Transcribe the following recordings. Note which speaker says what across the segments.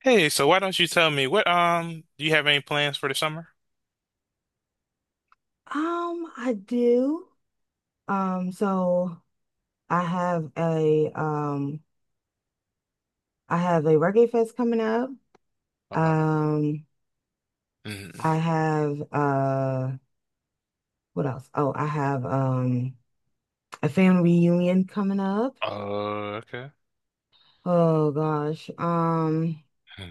Speaker 1: Hey, so why don't you tell me what do you have any plans for the summer?
Speaker 2: I do. So I have a um I have a Reggae Fest coming up.
Speaker 1: Uh,
Speaker 2: Um, I
Speaker 1: mm,
Speaker 2: have What else? Oh, I have a family reunion coming up.
Speaker 1: okay.
Speaker 2: Oh gosh.
Speaker 1: Hmm.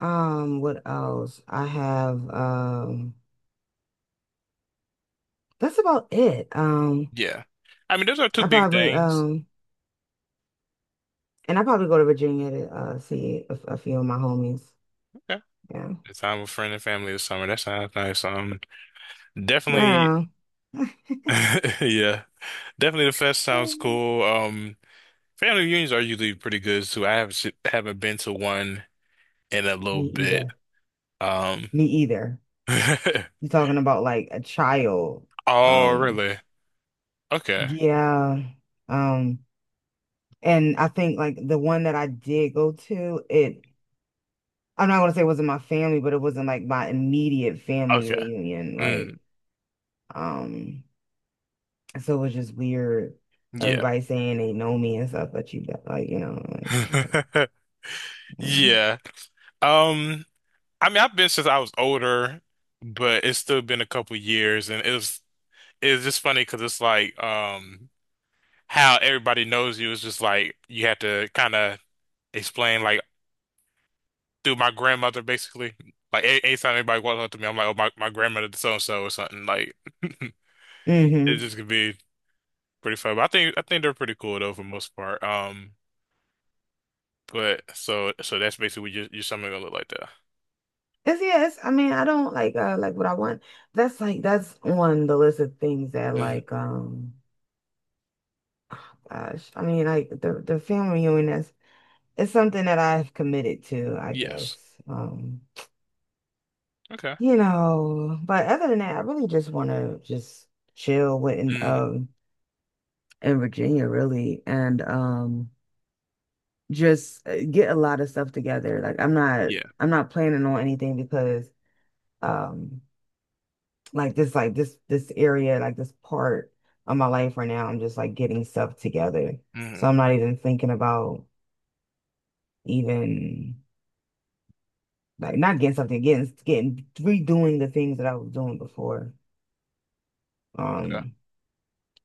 Speaker 2: What else? I have That's about it.
Speaker 1: Yeah. I mean, those are two
Speaker 2: I
Speaker 1: big
Speaker 2: probably
Speaker 1: things.
Speaker 2: um I probably go to Virginia to see a few of my homies.
Speaker 1: Okay.
Speaker 2: Yeah.
Speaker 1: The time with friends and family this summer. That sounds nice. Definitely.
Speaker 2: Yeah.
Speaker 1: Yeah. Definitely the fest sounds cool. Family reunions are usually pretty good too. I haven't been to one in a little
Speaker 2: Me
Speaker 1: bit.
Speaker 2: either.
Speaker 1: Um
Speaker 2: Me either. You're talking about like a child.
Speaker 1: Oh,
Speaker 2: Um,
Speaker 1: really? Okay.
Speaker 2: yeah. Um, and I think like the one that I did go to, it I'm not gonna say it wasn't my family, but it wasn't like my immediate family
Speaker 1: Okay.
Speaker 2: reunion.
Speaker 1: Mm,
Speaker 2: Like, um, so it was just weird.
Speaker 1: yeah.
Speaker 2: Everybody saying they know me and stuff, but you don't, like, like,
Speaker 1: Yeah. Um, I mean, I've been since I was older, but it's still been a couple years, and it's just funny because it's like how everybody knows you is just like you have to kind of explain like through my grandmother basically. Like anytime anybody walks up to me, I'm like, oh my grandmother did so and so or something. Like it
Speaker 2: mm-hmm.
Speaker 1: just could be pretty fun. But I think they're pretty cool though for the most part. But so that's basically what you're something gonna look like that.
Speaker 2: It's yes. I mean, I don't like what I want. That's on the list of things that
Speaker 1: Mhm.
Speaker 2: like. Gosh, I mean, like the family reunion is it's something that I've committed to, I guess.
Speaker 1: Yes.
Speaker 2: Um,
Speaker 1: Okay.
Speaker 2: but other than that, I really just want to just chill with
Speaker 1: Mhm.
Speaker 2: in Virginia, really, and just get a lot of stuff together. Like
Speaker 1: Yeah.
Speaker 2: I'm not planning on anything because um like this area like this part of my life right now, I'm just like getting stuff together. So
Speaker 1: Mhm.
Speaker 2: I'm not even thinking about even. Like not getting something, getting redoing the things that I was doing before.
Speaker 1: Okay.
Speaker 2: Um,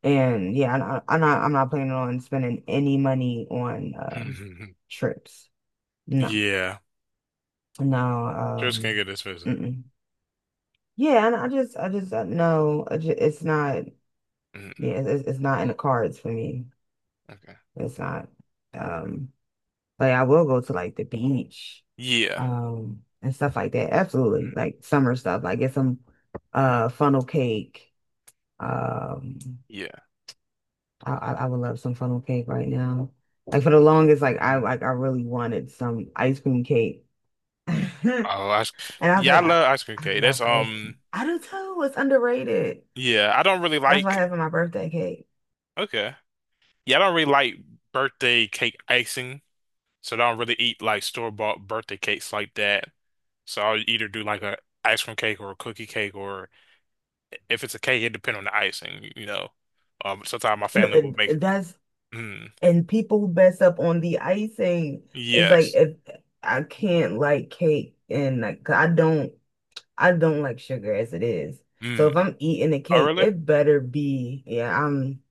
Speaker 2: and yeah, I- am not I'm not planning on spending any money on trips. No,
Speaker 1: Yeah.
Speaker 2: no.
Speaker 1: Just can't
Speaker 2: Um,
Speaker 1: get this person.
Speaker 2: mm-mm. Yeah, and I just no, it's not. Yeah,
Speaker 1: Mm-mm.
Speaker 2: it's not in the cards for me.
Speaker 1: Okay.
Speaker 2: It's not. Um, like I will go to like the beach,
Speaker 1: Yeah.
Speaker 2: and stuff like that. Absolutely,
Speaker 1: Mm.
Speaker 2: like summer stuff. Like get some funnel cake. Um,
Speaker 1: Yeah.
Speaker 2: I would love some funnel cake right now. Like for the longest,
Speaker 1: Mm.
Speaker 2: like I really wanted some ice cream cake, and
Speaker 1: Oh, ice.
Speaker 2: I was
Speaker 1: Yeah,
Speaker 2: like,
Speaker 1: I love ice cream
Speaker 2: I
Speaker 1: cake.
Speaker 2: love
Speaker 1: That's.
Speaker 2: ice cream. I do too. It's underrated.
Speaker 1: Yeah, I don't really
Speaker 2: That's why I
Speaker 1: like.
Speaker 2: have for my birthday cake.
Speaker 1: Okay. Yeah, I don't really like birthday cake icing, so I don't really eat like store-bought birthday cakes like that. So I'll either do like a ice cream cake or a cookie cake, or if it's a cake, it depends on the icing. You know. Sometimes my
Speaker 2: And
Speaker 1: family will
Speaker 2: it-
Speaker 1: make.
Speaker 2: it- that's
Speaker 1: Mm.
Speaker 2: and people mess up on the icing. It's like
Speaker 1: Yes.
Speaker 2: if I can't like cake and like 'cause I don't like sugar as it is. So
Speaker 1: Mm.
Speaker 2: if I'm eating a
Speaker 1: Oh,
Speaker 2: cake,
Speaker 1: really?
Speaker 2: it better be, yeah. I'm,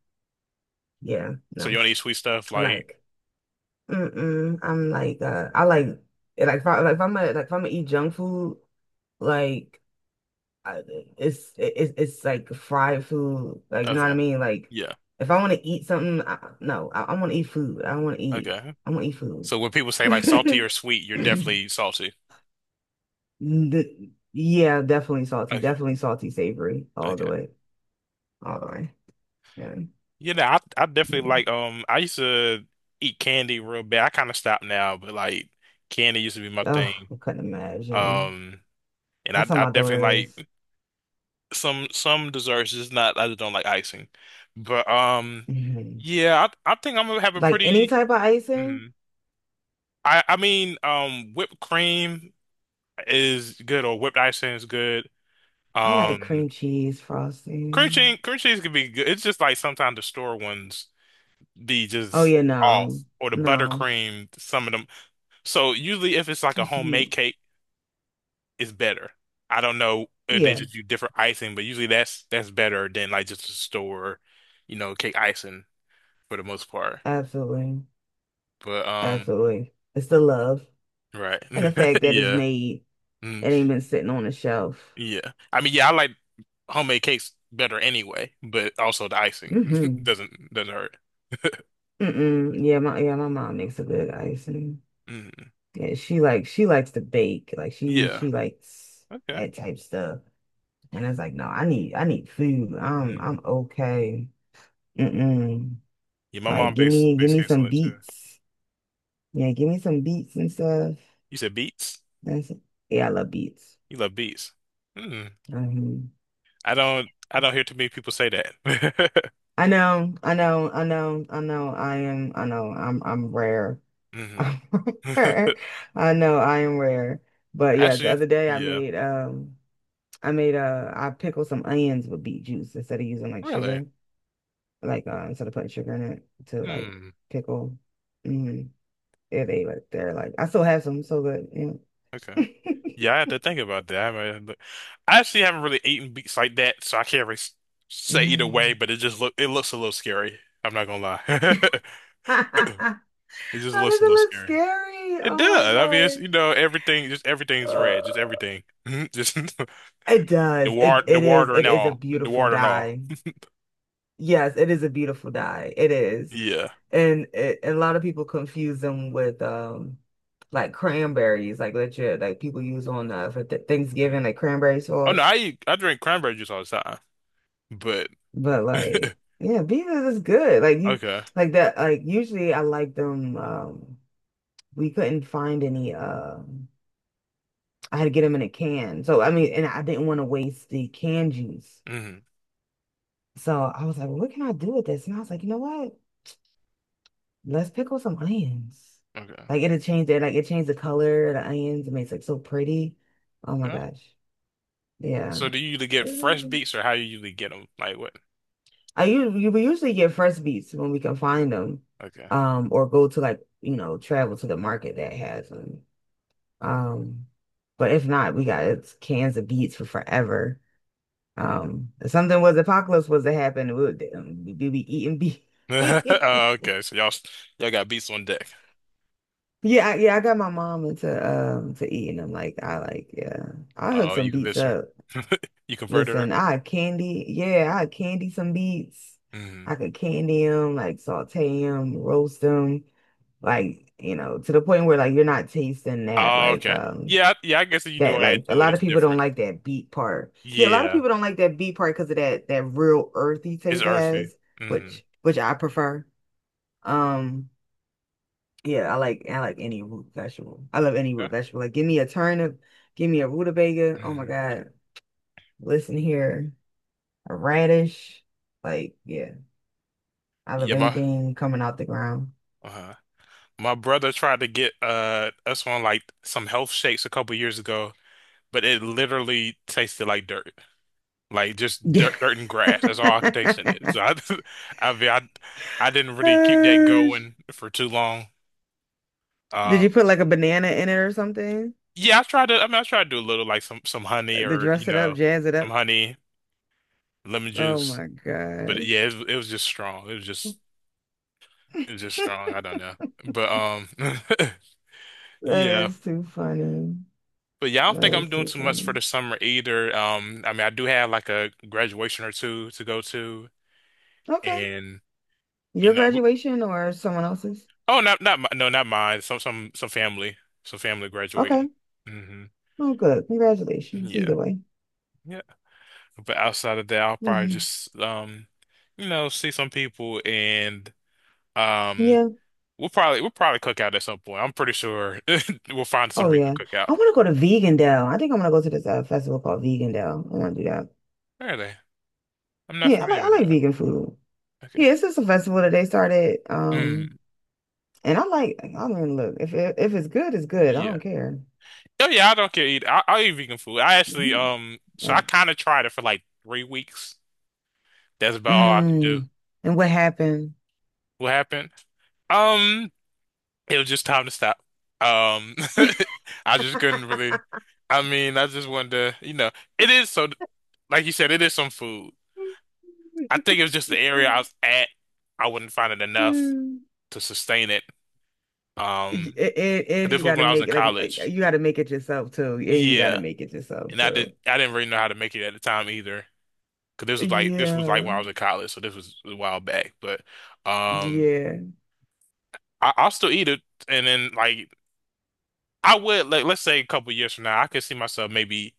Speaker 2: yeah,
Speaker 1: So you
Speaker 2: no,
Speaker 1: don't eat sweet stuff like?
Speaker 2: like. Mm-mm. I'm like I like if I like if I'm gonna eat junk food like I, it's like fried food like you know what I
Speaker 1: Okay.
Speaker 2: mean, like
Speaker 1: Yeah.
Speaker 2: if I want to eat something no I want to eat food
Speaker 1: Okay.
Speaker 2: I want to eat food.
Speaker 1: So when people say like salty or sweet, you're definitely salty.
Speaker 2: Yeah, definitely salty,
Speaker 1: Okay.
Speaker 2: definitely salty, savory all the
Speaker 1: Okay.
Speaker 2: way, all the way, yeah,
Speaker 1: You know, I
Speaker 2: yeah.
Speaker 1: definitely like I used to eat candy real bad. I kind of stopped now, but like candy used to be my thing.
Speaker 2: Oh, I couldn't imagine.
Speaker 1: Um, and I
Speaker 2: That's how
Speaker 1: I
Speaker 2: my
Speaker 1: definitely
Speaker 2: daughter is.
Speaker 1: like some desserts. Just not I just don't like icing. But
Speaker 2: Mhm.
Speaker 1: yeah, I think I'm gonna have a
Speaker 2: Like any
Speaker 1: pretty.
Speaker 2: type of icing.
Speaker 1: mm, I mean, whipped cream is good or whipped icing is good.
Speaker 2: I like
Speaker 1: Um.
Speaker 2: cream cheese
Speaker 1: Cream
Speaker 2: frosting.
Speaker 1: cheese, cream cheese could be good. It's just like sometimes the store ones be
Speaker 2: Oh
Speaker 1: just
Speaker 2: yeah,
Speaker 1: off,
Speaker 2: no,
Speaker 1: or the
Speaker 2: no,
Speaker 1: buttercream, some of them. So usually, if it's like a
Speaker 2: too sweet.
Speaker 1: homemade cake, it's better. I don't know if they
Speaker 2: Yeah,
Speaker 1: just do different icing, but usually that's better than like just a store, cake icing for the most part.
Speaker 2: absolutely,
Speaker 1: But
Speaker 2: absolutely. It's the love,
Speaker 1: right,
Speaker 2: and the fact that it's
Speaker 1: yeah,
Speaker 2: made
Speaker 1: mm,
Speaker 2: and ain't been sitting on the shelf.
Speaker 1: yeah. I mean, yeah, I like homemade cakes better anyway, but also the icing
Speaker 2: Mm-hmm.
Speaker 1: doesn't hurt.
Speaker 2: Mm-mm. Yeah, my mom makes a good icing.
Speaker 1: Mm,
Speaker 2: Yeah, she likes to bake. Like she
Speaker 1: yeah,
Speaker 2: she likes
Speaker 1: okay.
Speaker 2: that type stuff. And it's like, no, I need food.
Speaker 1: Mm-hmm.
Speaker 2: I'm okay. Mm-mm.
Speaker 1: Yeah, my
Speaker 2: Like
Speaker 1: mom base
Speaker 2: give
Speaker 1: base
Speaker 2: me
Speaker 1: case
Speaker 2: some
Speaker 1: on it too.
Speaker 2: beets. Yeah, give me some beats and stuff.
Speaker 1: You said beats.
Speaker 2: That's Yeah, I love beats.
Speaker 1: You love beats. Hmm.
Speaker 2: Mhm.
Speaker 1: I don't hear too many people say that.
Speaker 2: I know, I know, I know, I know. I am, I know. I'm rare.
Speaker 1: Hmm.
Speaker 2: I'm rare. I know I am rare. But yeah, the
Speaker 1: Actually,
Speaker 2: other day
Speaker 1: yeah.
Speaker 2: I pickled some onions with beet juice instead of using like
Speaker 1: Really?
Speaker 2: sugar, like instead of putting sugar in it to like
Speaker 1: Hmm.
Speaker 2: pickle. Hmm. Yeah, they're like, I still have some, so good.
Speaker 1: Okay.
Speaker 2: Yeah.
Speaker 1: Yeah, I have to think about that. I actually haven't really eaten beets like that, so I can't really say either way,
Speaker 2: Mm.
Speaker 1: but it looks a little scary. I'm not gonna lie.
Speaker 2: How
Speaker 1: It just looks
Speaker 2: does
Speaker 1: a
Speaker 2: it
Speaker 1: little
Speaker 2: look
Speaker 1: scary.
Speaker 2: scary?
Speaker 1: It
Speaker 2: Oh my
Speaker 1: does. I mean, it's,
Speaker 2: gosh.
Speaker 1: everything, just everything's red, just
Speaker 2: Uh,
Speaker 1: everything. Just
Speaker 2: it does.
Speaker 1: The water and
Speaker 2: It is a
Speaker 1: all, the
Speaker 2: beautiful
Speaker 1: water and all.
Speaker 2: dye. Yes, it is a beautiful dye. It is.
Speaker 1: Yeah.
Speaker 2: And a lot of people confuse them with like cranberries, like legit, like people use on for th
Speaker 1: Mhm.
Speaker 2: Thanksgiving, like cranberry
Speaker 1: Oh no,
Speaker 2: sauce.
Speaker 1: I drink cranberry juice all the time. But
Speaker 2: But like, yeah, beavers is good. Like you
Speaker 1: okay,
Speaker 2: like that like usually I like them, we couldn't find any, I had to get them in a can. So I mean, and I didn't want to waste the canned juice.
Speaker 1: hmm,
Speaker 2: So I was like, well, what can I do with this? And I was like, you know what? Let's pickle some onions.
Speaker 1: okay,
Speaker 2: Like it'll change it, like it changed the color of the onions. It makes it so pretty. Oh my
Speaker 1: yeah.
Speaker 2: gosh. Yeah.
Speaker 1: So do you usually get fresh
Speaker 2: Mm.
Speaker 1: beets or how you usually get them? Like what?
Speaker 2: I usually We usually get fresh beets when we can find them.
Speaker 1: Okay.
Speaker 2: Or go to like, travel to the market that has them. Um, but if not, we got it's cans of beets for forever. If something was apocalypse was to happen, would we be eating beef?
Speaker 1: Oh, okay, so y'all got beets on deck.
Speaker 2: Yeah, yeah, I got my mom into to eating them. Like I like, yeah, I hook
Speaker 1: Oh,
Speaker 2: some
Speaker 1: you
Speaker 2: beets
Speaker 1: convinced her.
Speaker 2: up.
Speaker 1: You converted
Speaker 2: Listen,
Speaker 1: her.
Speaker 2: I had candy, yeah, I had candy some beets.
Speaker 1: Hmm.
Speaker 2: I could candy them, like saute them, roast them, like you know, to the point where like you're not tasting that
Speaker 1: Oh,
Speaker 2: like
Speaker 1: okay.
Speaker 2: um
Speaker 1: Yeah, yeah. I guess if you do all that
Speaker 2: A
Speaker 1: to it,
Speaker 2: lot
Speaker 1: it's
Speaker 2: of people don't
Speaker 1: different.
Speaker 2: like that beet part. Yeah, a lot of
Speaker 1: Yeah,
Speaker 2: people don't like that beet part because of that real earthy
Speaker 1: it's
Speaker 2: taste it
Speaker 1: earthy.
Speaker 2: has,
Speaker 1: Hmm.
Speaker 2: which I prefer. Um, yeah, I like any root vegetable. I love any
Speaker 1: Yeah.
Speaker 2: root vegetable. Like give me a turnip, give me a rutabaga. Oh my
Speaker 1: Hmm.
Speaker 2: God. Listen here, a radish. Like, yeah, I love
Speaker 1: Yeah, my.
Speaker 2: anything coming out the ground.
Speaker 1: Uh-huh. My brother tried to get us on like some health shakes a couple years ago, but it literally tasted like dirt. Like just
Speaker 2: Yeah.
Speaker 1: dirt, dirt and grass. That's all I could taste in it. I mean, I didn't really keep that
Speaker 2: Gosh.
Speaker 1: going for too long.
Speaker 2: Did
Speaker 1: Uh,
Speaker 2: you put like a banana in it or something?
Speaker 1: yeah, I tried to. I mean, I tried to do a little like some honey
Speaker 2: Like, to
Speaker 1: or
Speaker 2: dress it up, jazz it
Speaker 1: some
Speaker 2: up?
Speaker 1: honey, lemon
Speaker 2: Oh
Speaker 1: juice.
Speaker 2: my
Speaker 1: But yeah,
Speaker 2: gosh.
Speaker 1: it was just strong. It was just it was just strong. I don't know. But
Speaker 2: That
Speaker 1: yeah.
Speaker 2: is too funny.
Speaker 1: But yeah, I don't think
Speaker 2: That
Speaker 1: I'm
Speaker 2: is
Speaker 1: doing
Speaker 2: too
Speaker 1: too much for
Speaker 2: funny.
Speaker 1: the summer either. I mean, I do have like a graduation or two to go to,
Speaker 2: Okay.
Speaker 1: and you
Speaker 2: Your
Speaker 1: know, w-
Speaker 2: graduation or someone else's?
Speaker 1: oh, not not no, not mine. Some some family graduating.
Speaker 2: Okay.
Speaker 1: Hmm.
Speaker 2: Oh, good. Congratulations.
Speaker 1: Yeah,
Speaker 2: Either way.
Speaker 1: yeah. But outside of that, I'll probably
Speaker 2: Mm.
Speaker 1: just see some people, and um,
Speaker 2: Yeah.
Speaker 1: we'll probably cook out at some point. I'm pretty sure we'll find some
Speaker 2: Oh,
Speaker 1: reason to
Speaker 2: yeah.
Speaker 1: cook
Speaker 2: I
Speaker 1: out.
Speaker 2: want to go to Vegandale. I think I'm gonna go to this festival called Vegandale. I want to do that.
Speaker 1: Where are they? I'm not
Speaker 2: Yeah,
Speaker 1: familiar
Speaker 2: I
Speaker 1: with
Speaker 2: like
Speaker 1: that.
Speaker 2: vegan food.
Speaker 1: Okay.
Speaker 2: Yeah, it's just a festival that they started.
Speaker 1: Mm,
Speaker 2: And I like. I mean, look, if it's good, it's good. I don't
Speaker 1: yeah.
Speaker 2: care.
Speaker 1: Oh yeah, I don't care either. I eat vegan food. I actually,
Speaker 2: Mhm.
Speaker 1: so I
Speaker 2: Right.
Speaker 1: kind of tried it for like 3 weeks. That's about all I could do.
Speaker 2: Mm. And what happened?
Speaker 1: What happened? Um, it was just time to stop. Um, I just couldn't really. I mean, I just wanted to, it is so, like you said, it is some food.
Speaker 2: And,
Speaker 1: I think it was just the area I was at. I wouldn't find it enough to sustain it. Um, 'Cause
Speaker 2: and
Speaker 1: this
Speaker 2: you
Speaker 1: was
Speaker 2: got to
Speaker 1: when I was in
Speaker 2: make it like
Speaker 1: college.
Speaker 2: you got to make it yourself too, and you got to
Speaker 1: Yeah,
Speaker 2: make it yourself
Speaker 1: and I
Speaker 2: too.
Speaker 1: didn't, I didn't really know how to make it at the time either. Cause this was like
Speaker 2: Yeah,
Speaker 1: when I was in college, so this was a while back. But um,
Speaker 2: yeah.
Speaker 1: I'll still eat it, and then like I would like let's say a couple years from now, I could see myself maybe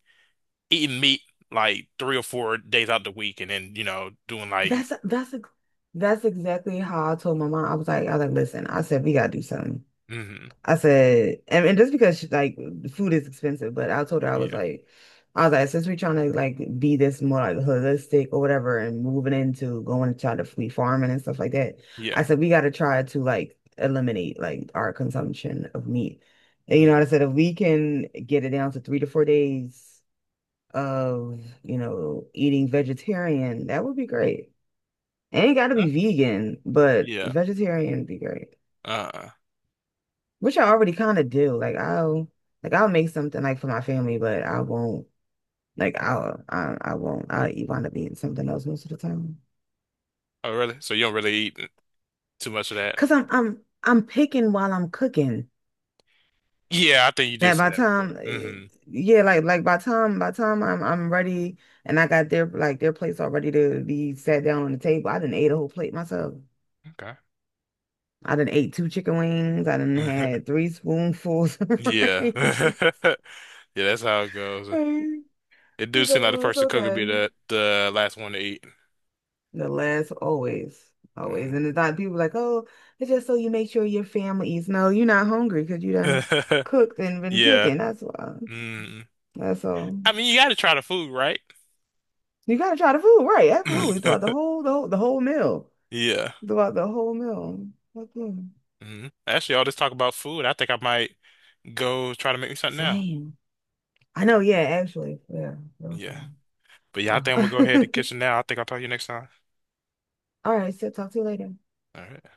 Speaker 1: eating meat like 3 or 4 days out the week, and then doing like
Speaker 2: That's that's that's exactly how I told my mom. I was like, listen, I said we gotta do something.
Speaker 1: hmm,
Speaker 2: I said, and just because she, like food is expensive, but I told her
Speaker 1: yeah,
Speaker 2: I was like, since we're trying to like be this more like holistic or whatever, and moving into going to try to free farming and stuff like that,
Speaker 1: yeah,
Speaker 2: I said we got to try to like eliminate like our consumption of meat. And you know,
Speaker 1: yeah.
Speaker 2: I said if we can get it down to 3 to 4 days of eating vegetarian, that would be great. Ain't got to
Speaker 1: Huh?
Speaker 2: be vegan, but
Speaker 1: Yeah,
Speaker 2: vegetarian would be great.
Speaker 1: uh
Speaker 2: Which I already kind of do. Like I'll make something like for my family, but I won't like I'll I won't I'll wind up eating something else most of the time.
Speaker 1: oh, really? So you don't really eat too much of that?
Speaker 2: Cause I'm picking while I'm cooking.
Speaker 1: Yeah, I think you did
Speaker 2: That
Speaker 1: say
Speaker 2: by
Speaker 1: that before.
Speaker 2: time eh,
Speaker 1: Hmm.
Speaker 2: Yeah, like by time I'm ready, and I got their like their plates all ready to be sat down on the table. I didn't ate a whole plate myself. I didn't ate two chicken wings. I didn't
Speaker 1: Okay.
Speaker 2: had three spoonfuls of
Speaker 1: Yeah.
Speaker 2: rice.
Speaker 1: Yeah, that's how it goes. It do seem like the
Speaker 2: So it's
Speaker 1: person cook would be
Speaker 2: okay.
Speaker 1: the last one to eat.
Speaker 2: The last always, always. And
Speaker 1: Mm.
Speaker 2: it's not people like, oh, it's just so you make sure your family eats. No, you're not hungry because you done cooked and been
Speaker 1: Yeah.
Speaker 2: picking. That's why.
Speaker 1: Mm.
Speaker 2: That's all.
Speaker 1: I mean, you got to try the food, right?
Speaker 2: You gotta try the food, right? Absolutely. Throughout the whole, the whole, the whole meal.
Speaker 1: Yeah.
Speaker 2: Throughout the whole meal. Okay.
Speaker 1: Mm. Actually, all this talk about food, I think I might go try to make me something now.
Speaker 2: Same. I know, yeah, actually. Yeah. Wow.
Speaker 1: Yeah. But yeah, I think I'm gonna go ahead to the kitchen now. I think I'll talk to you next time.
Speaker 2: All right, so talk to you later.
Speaker 1: All right.